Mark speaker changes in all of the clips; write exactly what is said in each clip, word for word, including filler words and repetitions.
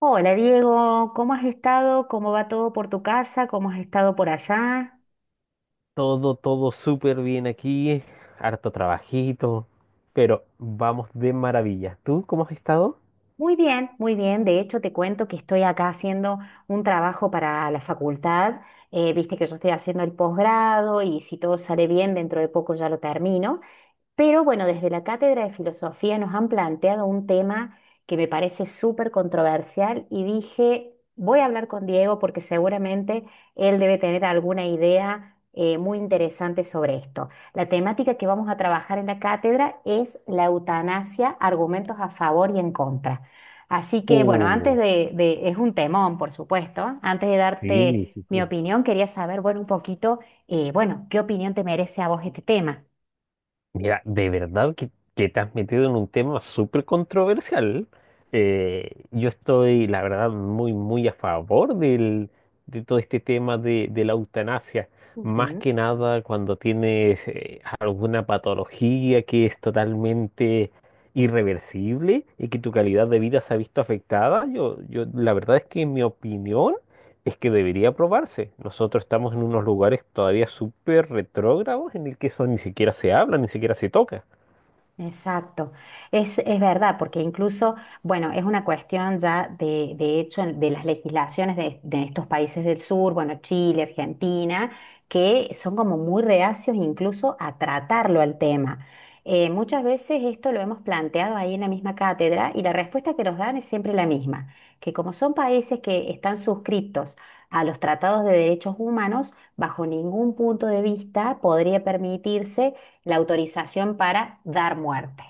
Speaker 1: Hola Diego, ¿cómo has estado? ¿Cómo va todo por tu casa? ¿Cómo has estado por allá?
Speaker 2: Todo, todo súper bien aquí, harto trabajito, pero vamos de maravilla. ¿Tú cómo has estado?
Speaker 1: Muy bien, muy bien. De hecho, te cuento que estoy acá haciendo un trabajo para la facultad. Eh, viste que yo estoy haciendo el posgrado y si todo sale bien, dentro de poco ya lo termino. Pero bueno, desde la Cátedra de Filosofía nos han planteado un tema que me parece súper controversial y dije, voy a hablar con Diego porque seguramente él debe tener alguna idea eh, muy interesante sobre esto. La temática que vamos a trabajar en la cátedra es la eutanasia, argumentos a favor y en contra. Así que bueno, antes
Speaker 2: Uh,
Speaker 1: de, de- es un temón, por supuesto, antes de
Speaker 2: sí,
Speaker 1: darte
Speaker 2: sí,
Speaker 1: mi
Speaker 2: sí.
Speaker 1: opinión, quería saber, bueno, un poquito, eh, bueno, ¿qué opinión te merece a vos este tema?
Speaker 2: Mira, de verdad que, que te has metido en un tema súper controversial. Eh, yo estoy, la verdad, muy, muy a favor del, de todo este tema de, de la eutanasia. Más
Speaker 1: Ujú.
Speaker 2: que nada cuando tienes eh, alguna patología que es totalmente irreversible y que tu calidad de vida se ha visto afectada. Yo, yo, la verdad es que en mi opinión es que debería probarse. Nosotros estamos en unos lugares todavía súper retrógrados en el que eso ni siquiera se habla, ni siquiera se toca.
Speaker 1: Exacto, es, es verdad, porque incluso, bueno, es una cuestión ya de, de hecho en- de las legislaciones de, de estos países del sur, bueno, Chile, Argentina, que son como muy reacios incluso a tratarlo al tema. Eh, muchas veces esto lo hemos planteado ahí en la misma cátedra y la respuesta que nos dan es siempre la misma, que como son países que están suscritos a los tratados de derechos humanos, bajo ningún punto de vista podría permitirse la autorización para dar muerte.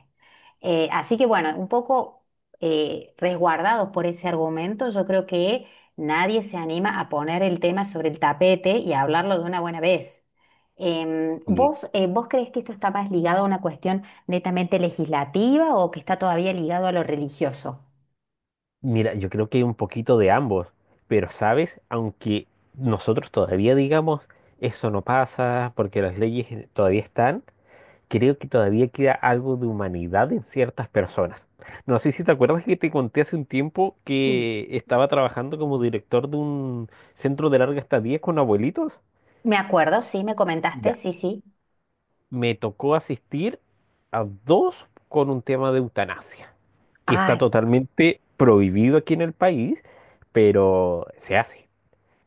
Speaker 1: Eh, así que bueno, un poco eh, resguardados por ese argumento, yo creo que nadie se anima a poner el tema sobre el tapete y a hablarlo de una buena vez. Em,
Speaker 2: Sí.
Speaker 1: ¿vos, eh, vos crees que esto está más ligado a una cuestión netamente legislativa o que está todavía ligado a lo religioso?
Speaker 2: Mira, yo creo que hay un poquito de ambos, pero sabes, aunque nosotros todavía digamos eso no pasa porque las leyes todavía están, creo que todavía queda algo de humanidad en ciertas personas. No sé si te acuerdas que te conté hace un tiempo
Speaker 1: Mm.
Speaker 2: que estaba trabajando como director de un centro de larga estadía con abuelitos.
Speaker 1: Me acuerdo, sí, me comentaste,
Speaker 2: Ya.
Speaker 1: sí, sí.
Speaker 2: Me tocó asistir a dos con un tema de eutanasia, que está
Speaker 1: Ay,
Speaker 2: totalmente prohibido aquí en el país, pero se hace.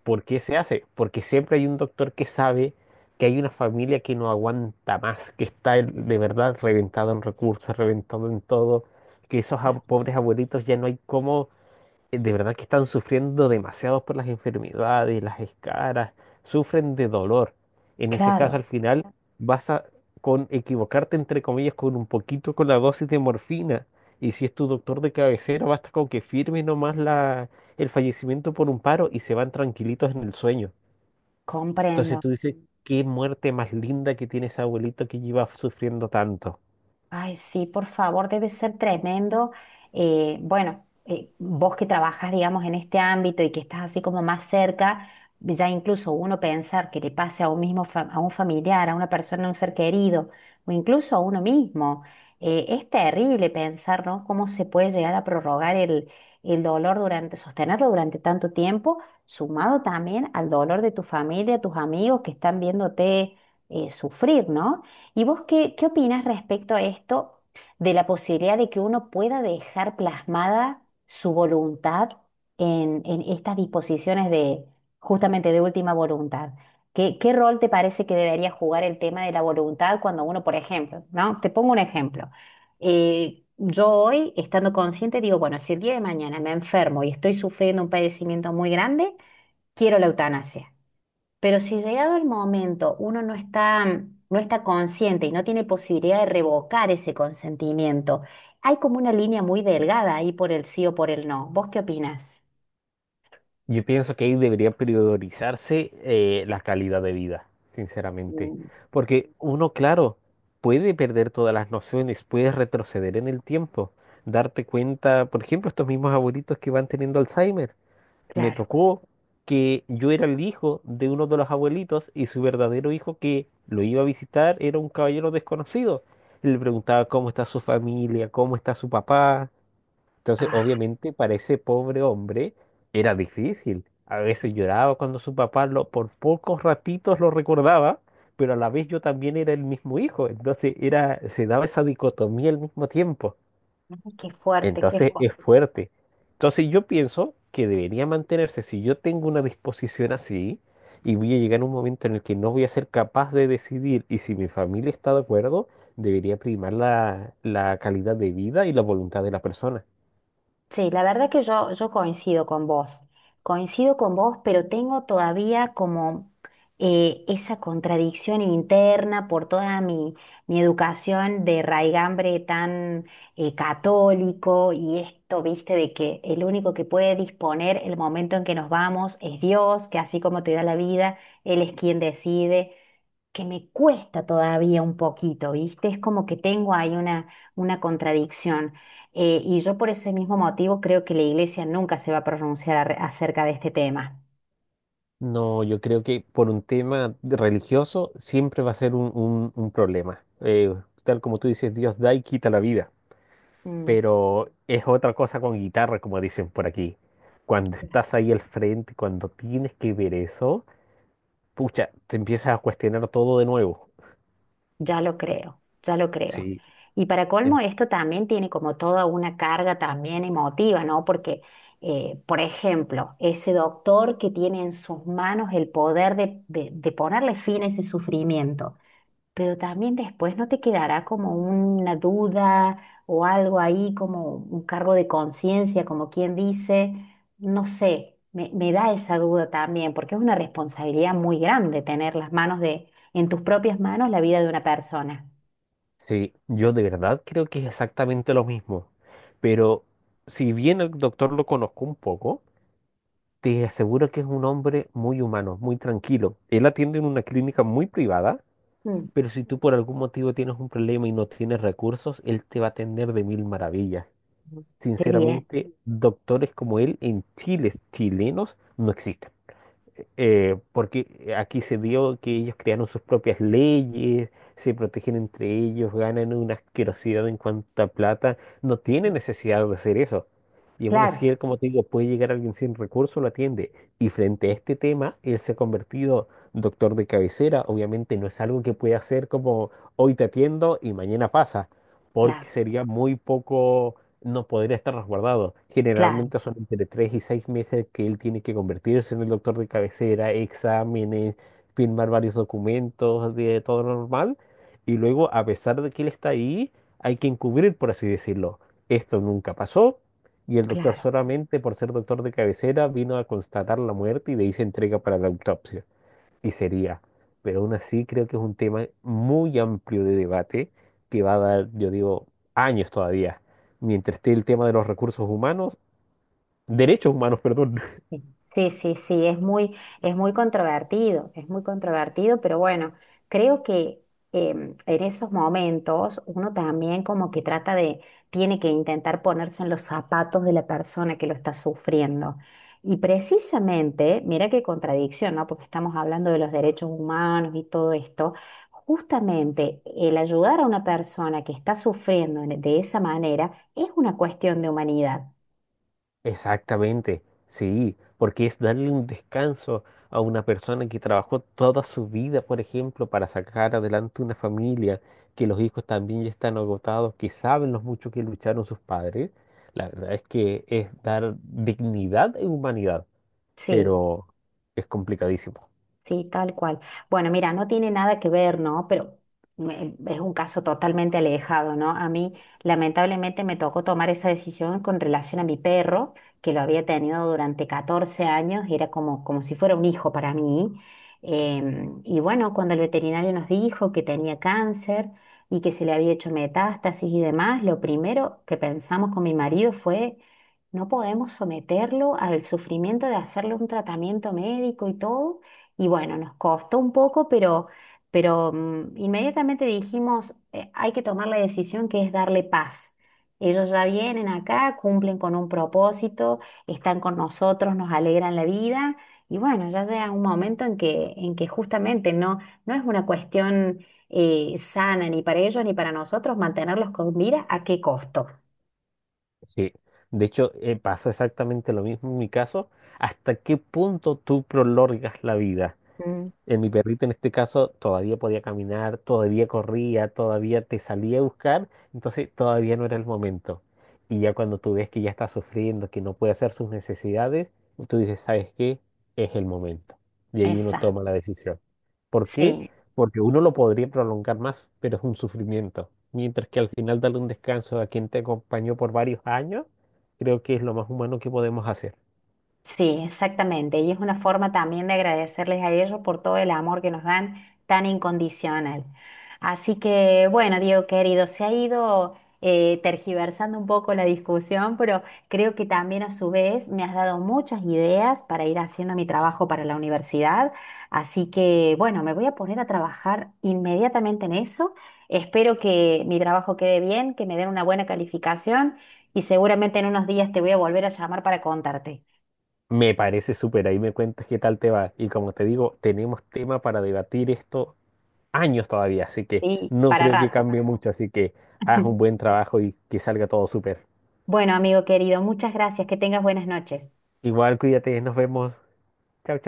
Speaker 2: ¿Por qué se hace? Porque siempre hay un doctor que sabe que hay una familia que no aguanta más, que está el- de verdad reventado en recursos, reventado en todo, que esos ab- pobres abuelitos ya no hay cómo eh, de verdad que están sufriendo demasiado por las enfermedades, las escaras, sufren de dolor. En ese caso,
Speaker 1: claro.
Speaker 2: al final, vas a con equivocarte, entre comillas, con un poquito con la dosis de morfina. Y si es tu doctor de cabecera, basta con que firme nomás la, el fallecimiento por un paro y se van tranquilitos en el sueño. Entonces
Speaker 1: Comprendo.
Speaker 2: tú dices, qué muerte más linda que tiene ese abuelito que lleva sufriendo tanto.
Speaker 1: Ay, sí, por favor, debe ser tremendo. Eh, bueno, eh, vos que trabajas, digamos, en este ámbito y que estás así como más cerca, ya incluso uno pensar que le pase a un mismo, fa- a un familiar, a una persona, a un ser querido, o incluso a uno mismo, eh, es terrible pensar, ¿no? Cómo se puede llegar a prorrogar el, el dolor durante, sostenerlo durante tanto tiempo, sumado también al dolor de tu familia, tus amigos que están viéndote, eh, sufrir, ¿no? ¿Y vos qué, qué opinas respecto a esto de la posibilidad de que uno pueda dejar plasmada su voluntad en, en estas disposiciones de justamente de última voluntad? ¿Qué, qué rol te parece que debería jugar el tema de la voluntad cuando uno, por ejemplo, ¿no? Te pongo un ejemplo. Eh, yo hoy, estando consciente, digo, bueno, si el día de mañana me enfermo y estoy sufriendo un padecimiento muy grande, quiero la eutanasia. Pero si llegado el momento uno no está, no está consciente y no tiene posibilidad de revocar ese consentimiento, hay como una línea muy delgada ahí por el sí o por el no. ¿Vos qué opinás?
Speaker 2: Yo pienso que ahí debería priorizarse eh, la calidad de vida, sinceramente.
Speaker 1: Mm.
Speaker 2: Porque uno, claro, puede perder todas las nociones, puede retroceder en el tiempo, darte cuenta, por ejemplo, estos mismos abuelitos que van teniendo Alzheimer. Me
Speaker 1: Claro.
Speaker 2: tocó que yo era el hijo de uno de los abuelitos y su verdadero hijo que lo iba a visitar era un caballero desconocido. Le preguntaba cómo está su familia, cómo está su papá, entonces,
Speaker 1: Ah,
Speaker 2: obviamente, para ese pobre hombre era difícil. A veces lloraba cuando su papá lo, por pocos ratitos lo recordaba, pero a la vez yo también era el mismo hijo. Entonces, era, se daba esa dicotomía al mismo tiempo.
Speaker 1: qué fuerte, qué
Speaker 2: Entonces,
Speaker 1: fuerte.
Speaker 2: es fuerte. Entonces, yo pienso que debería mantenerse. Si yo tengo una disposición así y voy a llegar a un momento en el que no voy a ser capaz de decidir y si mi familia está de acuerdo, debería primar la, la calidad de vida y la voluntad de la persona.
Speaker 1: Sí, la verdad que yo, yo coincido con vos, coincido con vos, pero tengo todavía como eh, esa contradicción interna por toda mi, mi educación de raigambre tan eh, católico y esto, viste, de que el único que puede disponer el momento en que nos vamos es Dios, que así como te da la vida, Él es quien decide que me cuesta todavía un poquito, ¿viste? Es como que tengo ahí una, una contradicción. Eh, y yo por ese mismo motivo creo que la iglesia nunca se va a pronunciar arre- acerca de este tema.
Speaker 2: No, yo creo que por un tema de- religioso siempre va a ser un, un- un problema. Eh, tal como tú dices, Dios da y quita la vida.
Speaker 1: Mm,
Speaker 2: Pero es otra cosa con guitarra, como dicen por aquí. Cuando estás ahí al frente, cuando tienes que ver eso, pucha, te empiezas a cuestionar todo de nuevo.
Speaker 1: ya lo creo, ya lo creo.
Speaker 2: Sí,
Speaker 1: Y para colmo,
Speaker 2: en-
Speaker 1: esto también tiene como toda una carga también emotiva, ¿no? Porque, eh, por ejemplo, ese doctor que tiene en sus manos el poder de de- de ponerle fin a ese sufrimiento pero también después no te quedará como una duda o algo ahí, como un cargo de conciencia, como quien dice, no sé, me, me da esa duda también, porque es una responsabilidad muy grande tener las manos de, en tus propias manos la vida de una persona.
Speaker 2: sí, yo de verdad creo que es exactamente lo mismo. Pero si bien el doctor lo conozco un poco, te aseguro que es un hombre muy humano, muy tranquilo. Él atiende en una clínica muy privada,
Speaker 1: Mm,
Speaker 2: pero si tú por algún motivo tienes un problema y no tienes recursos, él te va a atender de mil maravillas.
Speaker 1: qué bien.
Speaker 2: Sinceramente, doctores como él en Chile, chilenos, no existen eh, porque aquí se dio que ellos crearon sus propias leyes, se protegen entre ellos, ganan una asquerosidad en cuanto a plata, no tienen necesidad de hacer eso. Y aún
Speaker 1: Claro,
Speaker 2: así, él, como te digo, puede llegar alguien sin recursos, lo atiende. Y frente a este tema, él se ha convertido doctor de cabecera. Obviamente no es algo que pueda hacer como hoy te atiendo y mañana pasa,
Speaker 1: claro,
Speaker 2: porque sería muy poco, no podría estar resguardado.
Speaker 1: claro,
Speaker 2: Generalmente son entre tres y seis meses que él tiene que convertirse en el doctor de cabecera, exámenes, firmar varios documentos de todo lo normal. Y luego, a pesar de que él está ahí, hay que encubrir, por así decirlo. Esto nunca pasó. Y el doctor
Speaker 1: claro.
Speaker 2: solamente por ser doctor de cabecera vino a constatar la muerte y de ahí se entrega para la autopsia y sería. Pero aún así creo que es un tema muy amplio de debate que va a dar, yo digo, años todavía. Mientras esté el tema de los recursos humanos, derechos humanos, perdón.
Speaker 1: Sí, sí, sí, sí, es muy, es muy controvertido, es muy controvertido, pero bueno, creo que em, en esos momentos uno también como que trata de, tiene que intentar ponerse en los zapatos de la persona que lo está sufriendo. Y precisamente, mira qué contradicción, ¿no? Porque estamos hablando de los derechos humanos y todo esto. Justamente el ayudar a una persona que está sufriendo en- de esa manera es una cuestión de humanidad.
Speaker 2: Exactamente, sí, porque es darle un descanso a una persona que trabajó toda su vida, por ejemplo, para sacar adelante una familia, que los hijos también ya están agotados, que saben los mucho que lucharon sus padres. La verdad es que es dar dignidad e humanidad.
Speaker 1: Sí.
Speaker 2: Pero es complicadísimo.
Speaker 1: Sí, tal cual. Bueno, mira, no tiene nada que ver, ¿no? Pero me- es un caso totalmente alejado, ¿no? A mí, lamentablemente, me tocó tomar esa decisión con relación a mi perro, que lo había tenido durante catorce años, y era como, como si fuera un hijo para mí. Em, y bueno, cuando el veterinario nos dijo que tenía cáncer y que se le había hecho metástasis y demás, lo primero que pensamos con mi marido fue... No podemos someterlo al sufrimiento de hacerle un tratamiento médico y todo, y bueno, nos costó un poco, pero, pero mm, inmediatamente dijimos, "Eh, hay que tomar la decisión que es darle paz. Ellos ya vienen acá, cumplen con un propósito, están con nosotros, nos alegran la vida. Y bueno, ya llega un momento en que, en que justamente no, no es una cuestión eh, sana ni para ellos ni para nosotros mantenerlos con vida, ¿a qué costo?
Speaker 2: Sí. De hecho, eh, pasó exactamente lo mismo en mi caso. ¿Hasta qué punto tú prolongas la vida?
Speaker 1: Mm.
Speaker 2: En mi perrito, en este caso, todavía podía caminar, todavía corría, todavía te salía a buscar, entonces todavía no era el momento. Y ya cuando tú ves que ya está sufriendo, que no puede hacer sus necesidades, tú dices, ¿sabes qué? Es el momento. Y ahí uno toma
Speaker 1: Exacto.
Speaker 2: la decisión. ¿Por qué?
Speaker 1: Sí.
Speaker 2: Porque uno lo podría prolongar más, pero es un sufrimiento. Mientras que al final darle un descanso a quien te acompañó por varios años, creo que es lo más humano que podemos hacer.
Speaker 1: Sí, exactamente. Y es una forma también de agradecerles a ellos por todo el amor que nos dan tan incondicional. Así que, bueno, Diego querido, se ha ido eh, tergiversando un poco la discusión, pero creo que también a su vez me has dado muchas ideas para ir haciendo mi trabajo para la universidad. Así que, bueno, me voy a poner a trabajar inmediatamente en eso. Espero que mi trabajo quede bien, que me den una buena calificación y seguramente en unos días te voy a volver a llamar para contarte.
Speaker 2: Me parece súper, ahí me cuentas qué tal te va. Y como te digo, tenemos tema para debatir esto años todavía, así que
Speaker 1: Sí,
Speaker 2: no
Speaker 1: para
Speaker 2: creo que
Speaker 1: rato.
Speaker 2: cambie mucho, así que haz un buen trabajo y que salga todo súper.
Speaker 1: Bueno, amigo querido, muchas gracias. Que tengas buenas noches.
Speaker 2: Igual cuídate, nos vemos. Chao,